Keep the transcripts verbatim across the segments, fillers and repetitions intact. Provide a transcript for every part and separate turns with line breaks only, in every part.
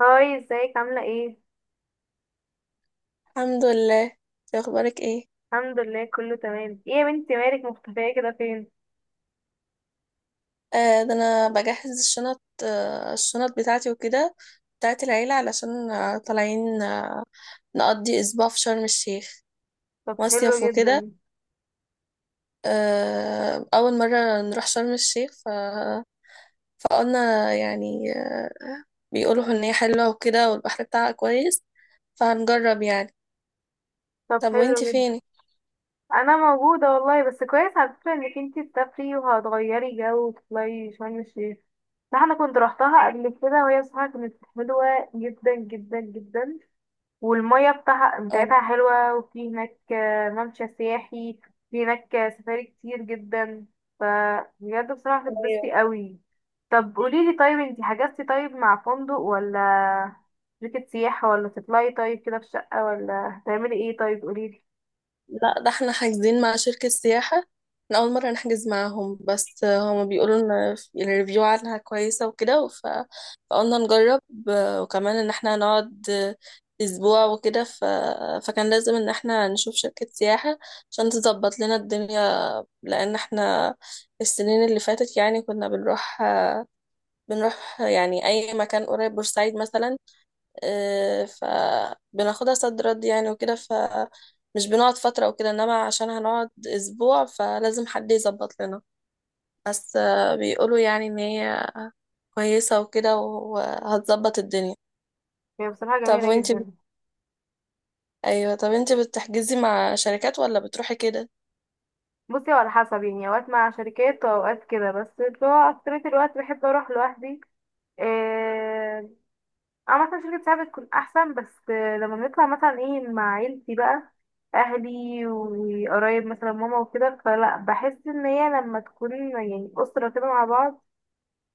هاي، ازيك عاملة ايه؟
الحمد لله، إنتي اخبارك ايه؟
الحمد لله، كله تمام. ايه يا بنتي، مالك مختفية كده فين؟
آه ده انا بجهز الشنط، آه الشنط بتاعتي وكده، بتاعت العيلة، علشان آه طالعين، آه نقضي اسبوع في شرم الشيخ،
طب، حلو
مصيف
جدا.
وكده. آه اول مرة نروح شرم الشيخ ف... فقلنا يعني آه بيقولوا ان هي حلوة وكده والبحر بتاعها كويس، فهنجرب يعني.
طب،
طب
حلو
وانتي
جدا.
فين؟
انا موجودة والله، بس كويس على فكرة انك انتي تسافري وهتغيري جو وتطلعي شرم الشيخ. ده انا كنت روحتها قبل كده، وهي بصراحة كانت حلوة جدا جدا جدا. والمية بتاعها بتاعتها
اه
حلوة، وفي هناك آه، ممشى سياحي. في هناك آه، سفاري كتير جدا. ف بجد، بصراحة هتتبسطي قوي. طب قوليلي، طيب انتي حجزتي؟ طيب مع فندق ولا شركة سياحة، ولا تطلعي طيب كده في شقة، ولا هتعملي ايه؟ طيب قوليلي.
لا، ده احنا حاجزين مع شركة سياحة. احنا أول مرة نحجز معاهم، بس هما بيقولوا إن الريفيو عنها كويسة وكده ف... فقلنا نجرب. وكمان إن احنا هنقعد أسبوع وكده، ف... فكان لازم إن احنا نشوف شركة سياحة عشان تظبط لنا الدنيا. لأن احنا السنين اللي فاتت يعني كنا بنروح بنروح يعني أي مكان قريب، بورسعيد مثلا. آه، فبناخدها صد رد يعني وكده، فمش بنقعد فترة وكده، انما عشان هنقعد اسبوع فلازم حد يظبط لنا. بس آه، بيقولوا يعني ان هي كويسة وكده وهتظبط الدنيا.
هي بصراحة
طب
جميلة
وانتي بت...
جدا.
ايوه، طب انتي بتحجزي مع شركات ولا بتروحي كده؟
بصي، هو على حسب يعني، اوقات مع شركات واوقات كده، بس اللي هو اكترية الوقت بحب اروح لوحدي. إيه. اه، مثلا شركة ساعة بتكون أحسن، بس لما بنطلع مثلا ايه مع عيلتي بقى أهلي وقرايب مثلا ماما وكده، فلا بحس إن هي لما تكون يعني أسرة كده مع بعض،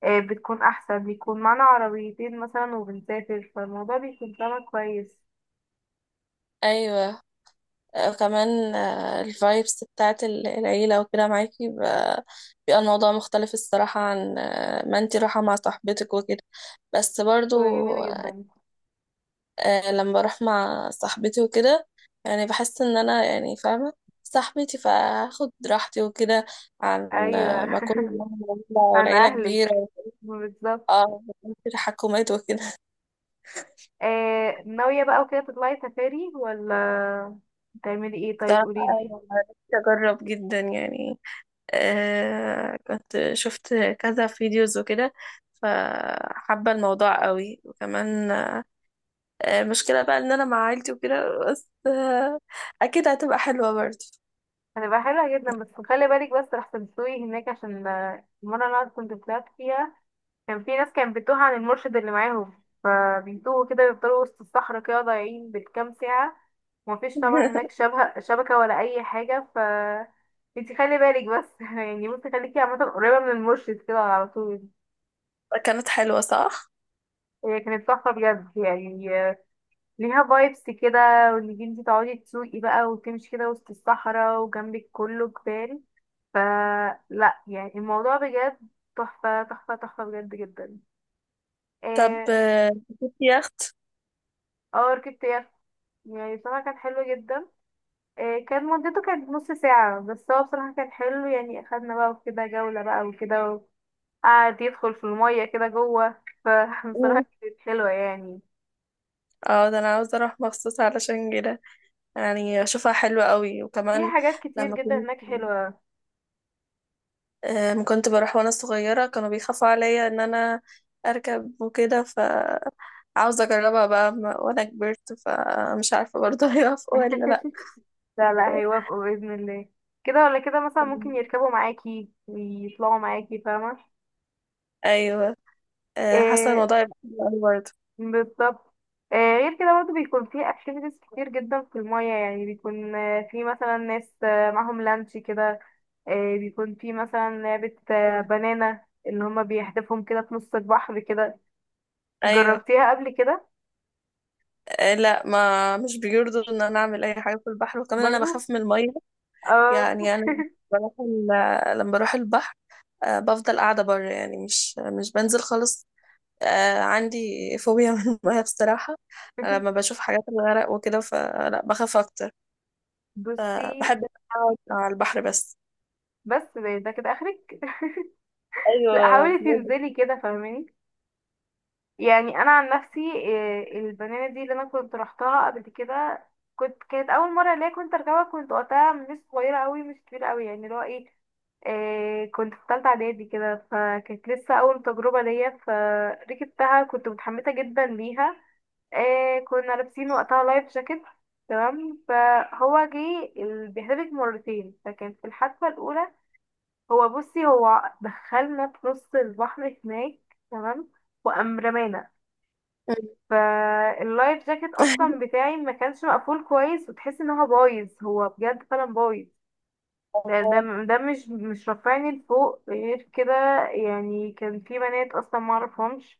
آه، بتكون أحسن، بيكون معانا عربيتين مثلا وبنسافر، فالموضوع بيكون طعمه كويس.
ايوه. آه، كمان الفايبس بتاعت ال- العيلة وكده معاكي بقى، بيبقى الموضوع مختلف الصراحة، عن آه، ما انتي رايحة مع صاحبتك وكده. بس برضو
بتبقى جميلة جدا.
آه، لما بروح مع صاحبتي وكده يعني بحس ان انا يعني فاهمة صاحبتي فاخد راحتي وكده، عن
أيوة.
آه، ما اكون
عن
والعيلة كبيرة.
أهلك. بالظبط.
اه، في تحكمات وكده
آه، ناوية بقى وكده تطلعي سفاري، ولا تعملي ايه؟ طيب
بصراحة
قوليلي.
أنا نفسي أجرب جدا يعني. آه كنت شفت كذا فيديوز وكده، فحابة الموضوع قوي. وكمان آه مشكلة بقى إن أنا مع عيلتي وكده، بس آه أكيد هتبقى حلوة برضه.
هتبقى حلوة جدا، بس خلي بالك، بس رح تنسوي هناك عشان آه، المرة اللي أنا كنت طلعت فيها كان في ناس كانت بتوه عن المرشد اللي معاهم، فبيتوه كده بيفضلوا وسط الصحراء كده ضايعين بالكام ساعة، ومفيش طبعا هناك شبكة شبكة ولا أي حاجة. ف انتي خلي بالك بس يعني، بصي خليكي عامة قريبة من المرشد كده على طول.
كانت حلوة صح؟
هي كانت تحفة بجد يعني، آه، ليها فايبس كده، وانك انتي تقعدي تسوقي بقى وتمشي كده وسط الصحراء وجنبك كله جبال، فلا يعني الموضوع بجد تحفة تحفة تحفة، بجد جدا.
طب
اه.
آه، كنت يخت؟
آه، ركبت يخت، يعني بصراحة كان حلو جدا. آه، كان مدته كانت نص ساعة، بس هو بصراحة كان حلو، يعني أخدنا بقى وكده جولة بقى وكده، وقعد يدخل في المية كده جوه، فبصراحة
مم.
كانت حلوة يعني.
اه، ده انا عاوزة اروح مخصوص علشان كده. يعني اشوفها حلوة قوي.
في
وكمان
حاجات كتير
لما
جدا
كنت
هناك حلوة.
أم، كنت بروح وانا صغيرة كانوا بيخافوا عليا ان انا اركب وكده، ف عاوزة اجربها بقى، م- وانا كبرت فمش عارفة برضه هيوافقوا ولا لا.
لا لا، هيوافقوا بإذن الله. كده ولا كده، مثلا ممكن يركبوا معاكي ويطلعوا معاكي، فاهمة؟
ايوه، أه، حاسة
آه،
الموضوع يبقى حلو أوي برضه.
بالظبط. آه غير كده برضه بيكون في اكتيفيتيز كتير جدا في المية، يعني بيكون آه، في مثلا ناس آه، معاهم لانش كده. آه، بيكون في مثلا لعبة آه، بنانا، اللي هما بيحدفهم كده في نص البحر كده.
ايوه.
جربتيها قبل كده؟
أه، لا، ما مش بيرضوا ان انا اعمل اي حاجة في البحر. وكمان انا
برضو.
بخاف من المية.
اه.
يعني انا بروح ال- لما بروح البحر أه، بفضل قاعدة بره، يعني مش مش بنزل خالص. آه عندي فوبيا من المية بصراحة. أنا لما بشوف حاجات الغرق وكده فلا بخاف أكتر،
بصي،
فبحب أقعد على البحر بس.
بس ده ده كده اخرك. لا،
أيوة
حاولي
بجد.
تنزلي كده فاهماني. يعني انا عن نفسي، إيه، البنانه دي اللي انا كنت رحتها قبل كده، كنت كانت اول مره ليا كنت اركبها، كنت وقتها مش صغيره قوي مش كبيره قوي، يعني اللي هو ايه، إيه، كنت في ثالثه اعدادي كده، فكانت لسه اول تجربه ليا، فركبتها كنت متحمسه جدا ليها. إيه، كنا لابسين وقتها لايف جاكيت. تمام. فهو جه ال- بيحتفل مرتين، فكان في الحادثه الاولى، هو بصي هو دخلنا في نص البحر هناك. تمام. وقام رمانا، فاللايف جاكيت اصلا بتاعي ما كانش مقفول كويس، وتحس ان هو بايظ، هو بجد فعلا بايظ. ده ده
آه،
ده مش مش رافعني لفوق غير كده. يعني كان في بنات اصلا ما اعرفهمش،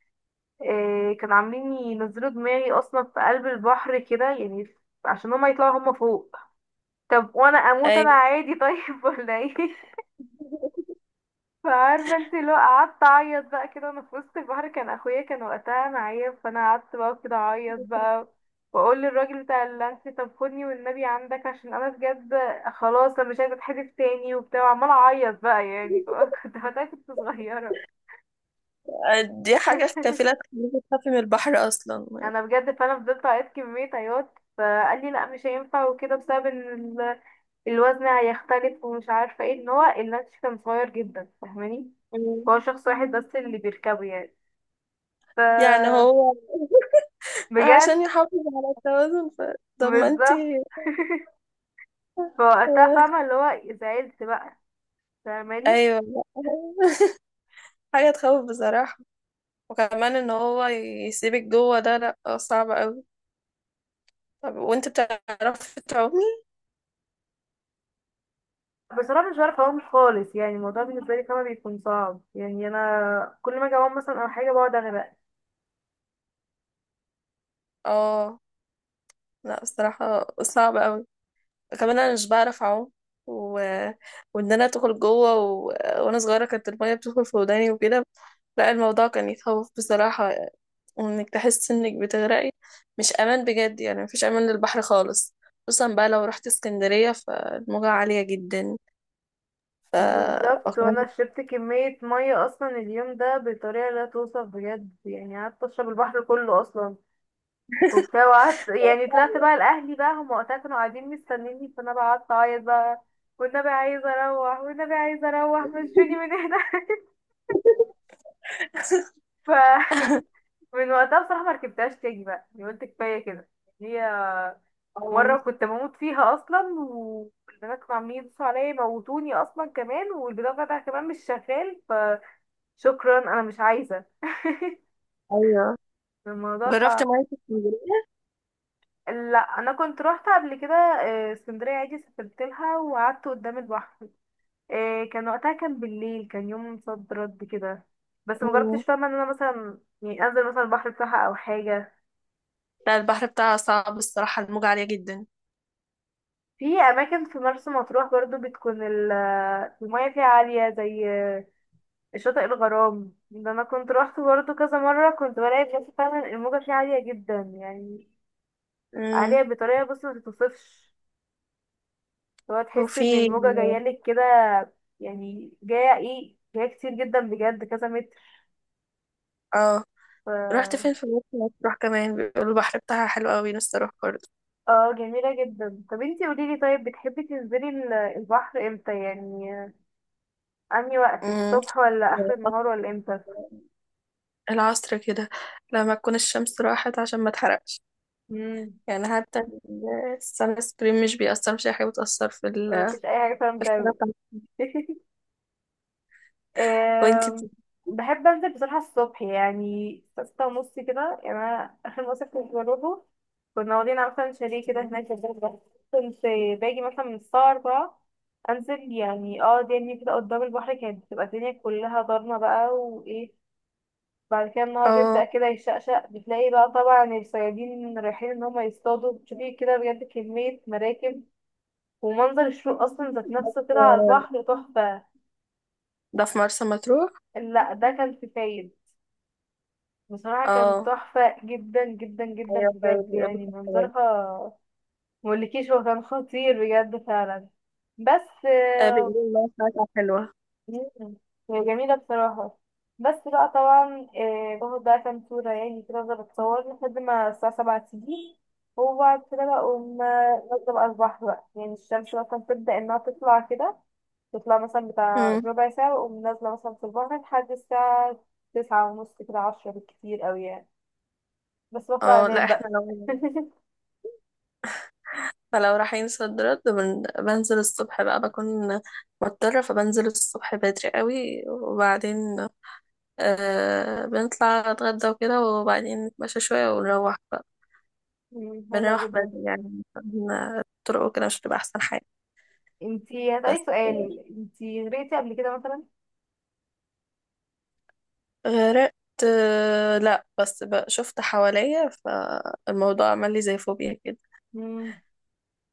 آه، كانوا عاملين ينزلوا دماغي اصلا في قلب البحر كده يعني، عشان هما يطلعوا هما فوق. طب وانا اموت انا
أيوة،
عادي طيب، ولا ايه؟ فعارفة، انت لو قعدت اعيط بقى كده وانا في وسط البحر، كان اخويا كان وقتها معايا، فانا قعدت بقى كده اعيط بقى، واقول للراجل بتاع اللانش: طب خدني والنبي عندك، عشان انا بجد خلاص، انا مش عايزه اتحدف تاني، وبتاع، وعماله اعيط بقى يعني. كنت وقتها كنت صغيره.
دي حاجة كفيلة تخليكي تخافي من البحر أصلا.
انا بجد، فانا فضلت اعيط كميه عياط، فقال لي لا مش هينفع وكده، بسبب ان ال- الوزن هيختلف، ومش عارفه ايه، ان هو اللانش كان صغير جدا فاهماني،
مم.
هو شخص واحد بس اللي بيركبه يعني. ف
يعني هو
بجد.
عشان يحافظ على التوازن ف... طب ما
بالظبط.
انتي.
فوقتها، فاهمة اللي هو، زعلت بقى، فاهماني.
أيوة. حاجة تخوف بصراحة. وكمان إن هو يسيبك جوه ده، لأ صعب أوي. طب وانت بتعرفي تعومي؟
بصراحة مش بعرف أقوم خالص، يعني الموضوع بالنسبة لي فاهمة بيكون صعب، يعني أنا كل ما أجي أقوم مثلا أو حاجة بقعد أغرق.
اه لا، بصراحة صعب قوي. كمان انا مش بعرف اعوم و... وان انا ادخل جوه و... وانا صغيرة كانت المية بتدخل في وداني وكده. لا الموضوع كان يخوف بصراحة، وانك تحس انك بتغرقي. مش امان بجد، يعني مفيش امان للبحر خالص. خصوصا بقى لو رحت اسكندرية فالموجة عالية جدا. ف
بالظبط.
وكمان-
وأنا شربت كمية مية أصلا اليوم ده بطريقة لا توصف، بجد يعني قعدت أشرب البحر كله أصلا، وبتاع، وقعدت يعني طلعت بقى لأهلي بقى، هم وقتها كانوا قاعدين مستنيني، فأنا بقى قعدت أعيط بقى: والنبي عايزة أروح، والنبي عايزة أروح مشوني من هنا. ف من وقتها بصراحة ما ركبتهاش تاني بقى، يعني قلت كفاية كده. هي مرة كنت بموت فيها أصلا، والبنات كانوا عاملين يدوسوا عليا يموتوني أصلا كمان، والبناء بتاعها كمان مش شغال، فشكرا أنا مش عايزة.
ايوه،
الموضوع
جربت
صعب.
مية اسكندرية؟
لا، انا كنت روحت قبل كده آه، اسكندريه عادي، سافرت لها وقعدت قدام البحر. آه، كان وقتها كان بالليل، كان يوم صد رد كده، بس مجربتش فاهمه ان انا مثلا يعني انزل مثلا البحر بتاعها او حاجه.
لا البحر بتاعها صعب الصراحة، الموجة عالية جدا.
في اماكن في مرسى مطروح برضو بتكون ال- المياه فيها عاليه، زي شاطئ الغرام، ده انا كنت روحت برضو كذا مره، كنت بلاقي بجد فعلا الموجه فيه عاليه جدا يعني،
مم.
عاليه بطريقه، بص، ما تتوصفش. هو تحس
وفي
ان الموجه جايه لك كده، يعني جايه ايه، جايه كتير جدا بجد، كذا متر.
اه،
ف
رحت فين؟ في مرسى مطروح كمان بيقولوا البحر بتاعها حلو قوي، نفسي اروح برضه.
اه، جميله جدا. طب انتي قوليلي، طيب بتحبي تنزلي ال- البحر امتى يعني؟ انهي وقت،
مم.
الصبح ولا اخر النهار ولا امتى؟
العصر كده لما تكون الشمس راحت عشان ما تحرقش.
مم.
يعني حتى السان سكرين مش بيأثر، مش أي حاجة بتأثر في ال-
مفيش اي حاجه فعلا
في الحرارة
بتعمل.
بتاعتك. وانتي
آم،
بت-
بحب انزل بصراحه الصبح، يعني ستة ونص كده. يعني انا اخر مصيف كنت بروحه كنا واخدين مثلا شاليه كده هناك في الغردقة. كنت باجي مثلا من الساعه أربعة، انزل يعني، اه دنيا كده قدام البحر، كانت بتبقى الدنيا كلها ضلمه بقى وايه، بعد كده النهار
اه،
بيبدأ كده يشقشق، بتلاقي بقى طبعا الصيادين رايحين ان هم يصطادوا، بتشوفي كده بجد كمية مراكب، ومنظر الشروق اصلا ذات نفسه كده على البحر تحفة.
ده في مرسى مطروح؟
لا، ده كان في فايد، بصراحة كان
اه.
تحفة جدا جدا جدا
ايوه، طيب
بجد،
بيقولوا
يعني
كده برضه.
منظرها مقولكيش، هو كان خطير بجد فعلا. بس
آه،
آه،
بيقولوا المياه بتاعتها حلوة.
مم، هي جميلة بصراحة. بس بقى طبعا آه، باخد بقى كام صورة يعني كده، افضل اتصور لحد ما الساعة سبعة تيجي، وبعد كده بقوم آه، نازلة بقى البحر بقى، يعني الشمس بقى كانت تبدأ انها تطلع كده، تطلع مثلا بتاع
مم.
ربع ساعة، وأقوم نازلة مثلا في البحر لحد الساعة تسعة ونص كده عشرة بالكتير أوي يعني، بس بطلع
اه لا،
أنام
احنا
بقى.
لو فلو رايحين صد رد بن- بنزل الصبح بقى، بكون مضطرة، فبنزل الصبح بدري قوي. وبعدين آه بنطلع نتغدى وكده، وبعدين نتمشى شوية ونروح بقى.
مم، حلوة
بنروح
جدا.
بدري يعني عشان الطرق وكده مش بتبقى أحسن حاجة.
انتي هسألك
بس
سؤال، انتي غرقتي قبل كده مثلا؟
غرقت، آه لا بس بقى شفت حواليا، فالموضوع عمل لي زي فوبيا كده.
مم.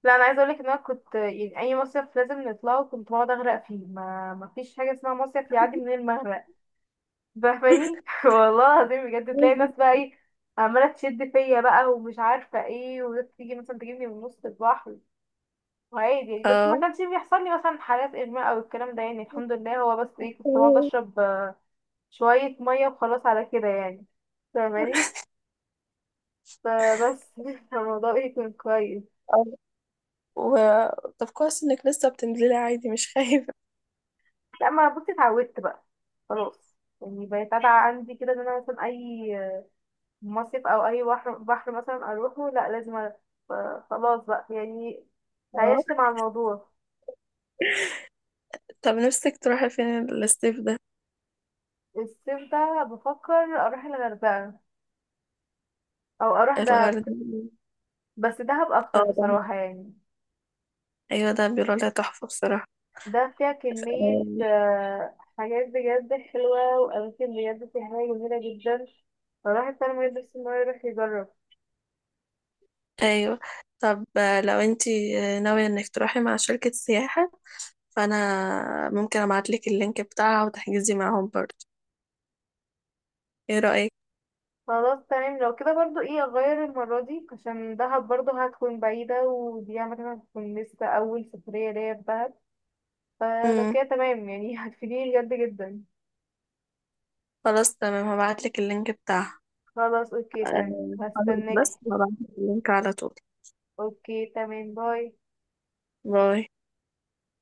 لا، أنا عايزة أقولك إن أنا كنت يعني أي مصيف لازم نطلعه كنت بقعد أغرق فيه، ما ما فيش حاجة اسمها مصيف يعدي من المغرق فاهماني؟ والله العظيم، بجد تلاقي ناس بقى إيه عمالة تشد فيا بقى ومش عارفة إيه، وتيجي مثلا تجيبني من نص البحر، وعادي يعني. بس
اه.
ما كانش بيحصل لي مثلا حالات اغماء او الكلام ده، يعني الحمد لله، هو بس ايه كنت بقعد اشرب آه، شويه ميه وخلاص على كده يعني، فاهماني، فبس الموضوع ايه كان كويس.
آه. و... طب كويس انك لسه بتنزلي عادي مش خايفة.
لما بصي اتعودت بقى، خلاص يعني بقيت عادة عندي كده ان انا مثلا اي مصيف او اي بحر بحر مثلا اروحه، لا لازم أروح. فخلاص بقى يعني تعايشت مع الموضوع.
طب نفسك تروحي فين الصيف ده؟
الصيف ده بفكر اروح الغردقه، او اروح دهب.
الغردقة.
بس دهب اكتر
اه ده،
بصراحه يعني.
ايوه، ده بيقولوا لها تحفة بصراحة.
ده فيها كمية
آم،
آه، حاجات بجد حلوة وأماكن بجد سياحية جميلة جدا، فالواحد فعلا ميقدرش إن هو يروح يجرب.
ايوه. طب آه، لو انتي آه، ناوية انك تروحي مع شركة سياحة، فانا ممكن ابعتلك اللينك بتاعها وتحجزي معاهم برضه، ايه رأيك؟
خلاص تمام، لو كده برضو ايه أغير المرة دي، عشان دهب برضو هتكون بعيدة، ودي عامة هتكون لسه أول سفرية ليا في دهب، فلو
امم،
كده تمام يعني هتفيديني بجد جدا.
خلاص تمام، هبعتلك اللينك بتاعها.
خلاص، اوكي تمام،
آه، خلاص،
هستناكي.
بس هبعتلك اللينك على طول.
اوكي تمام، باي.
باي.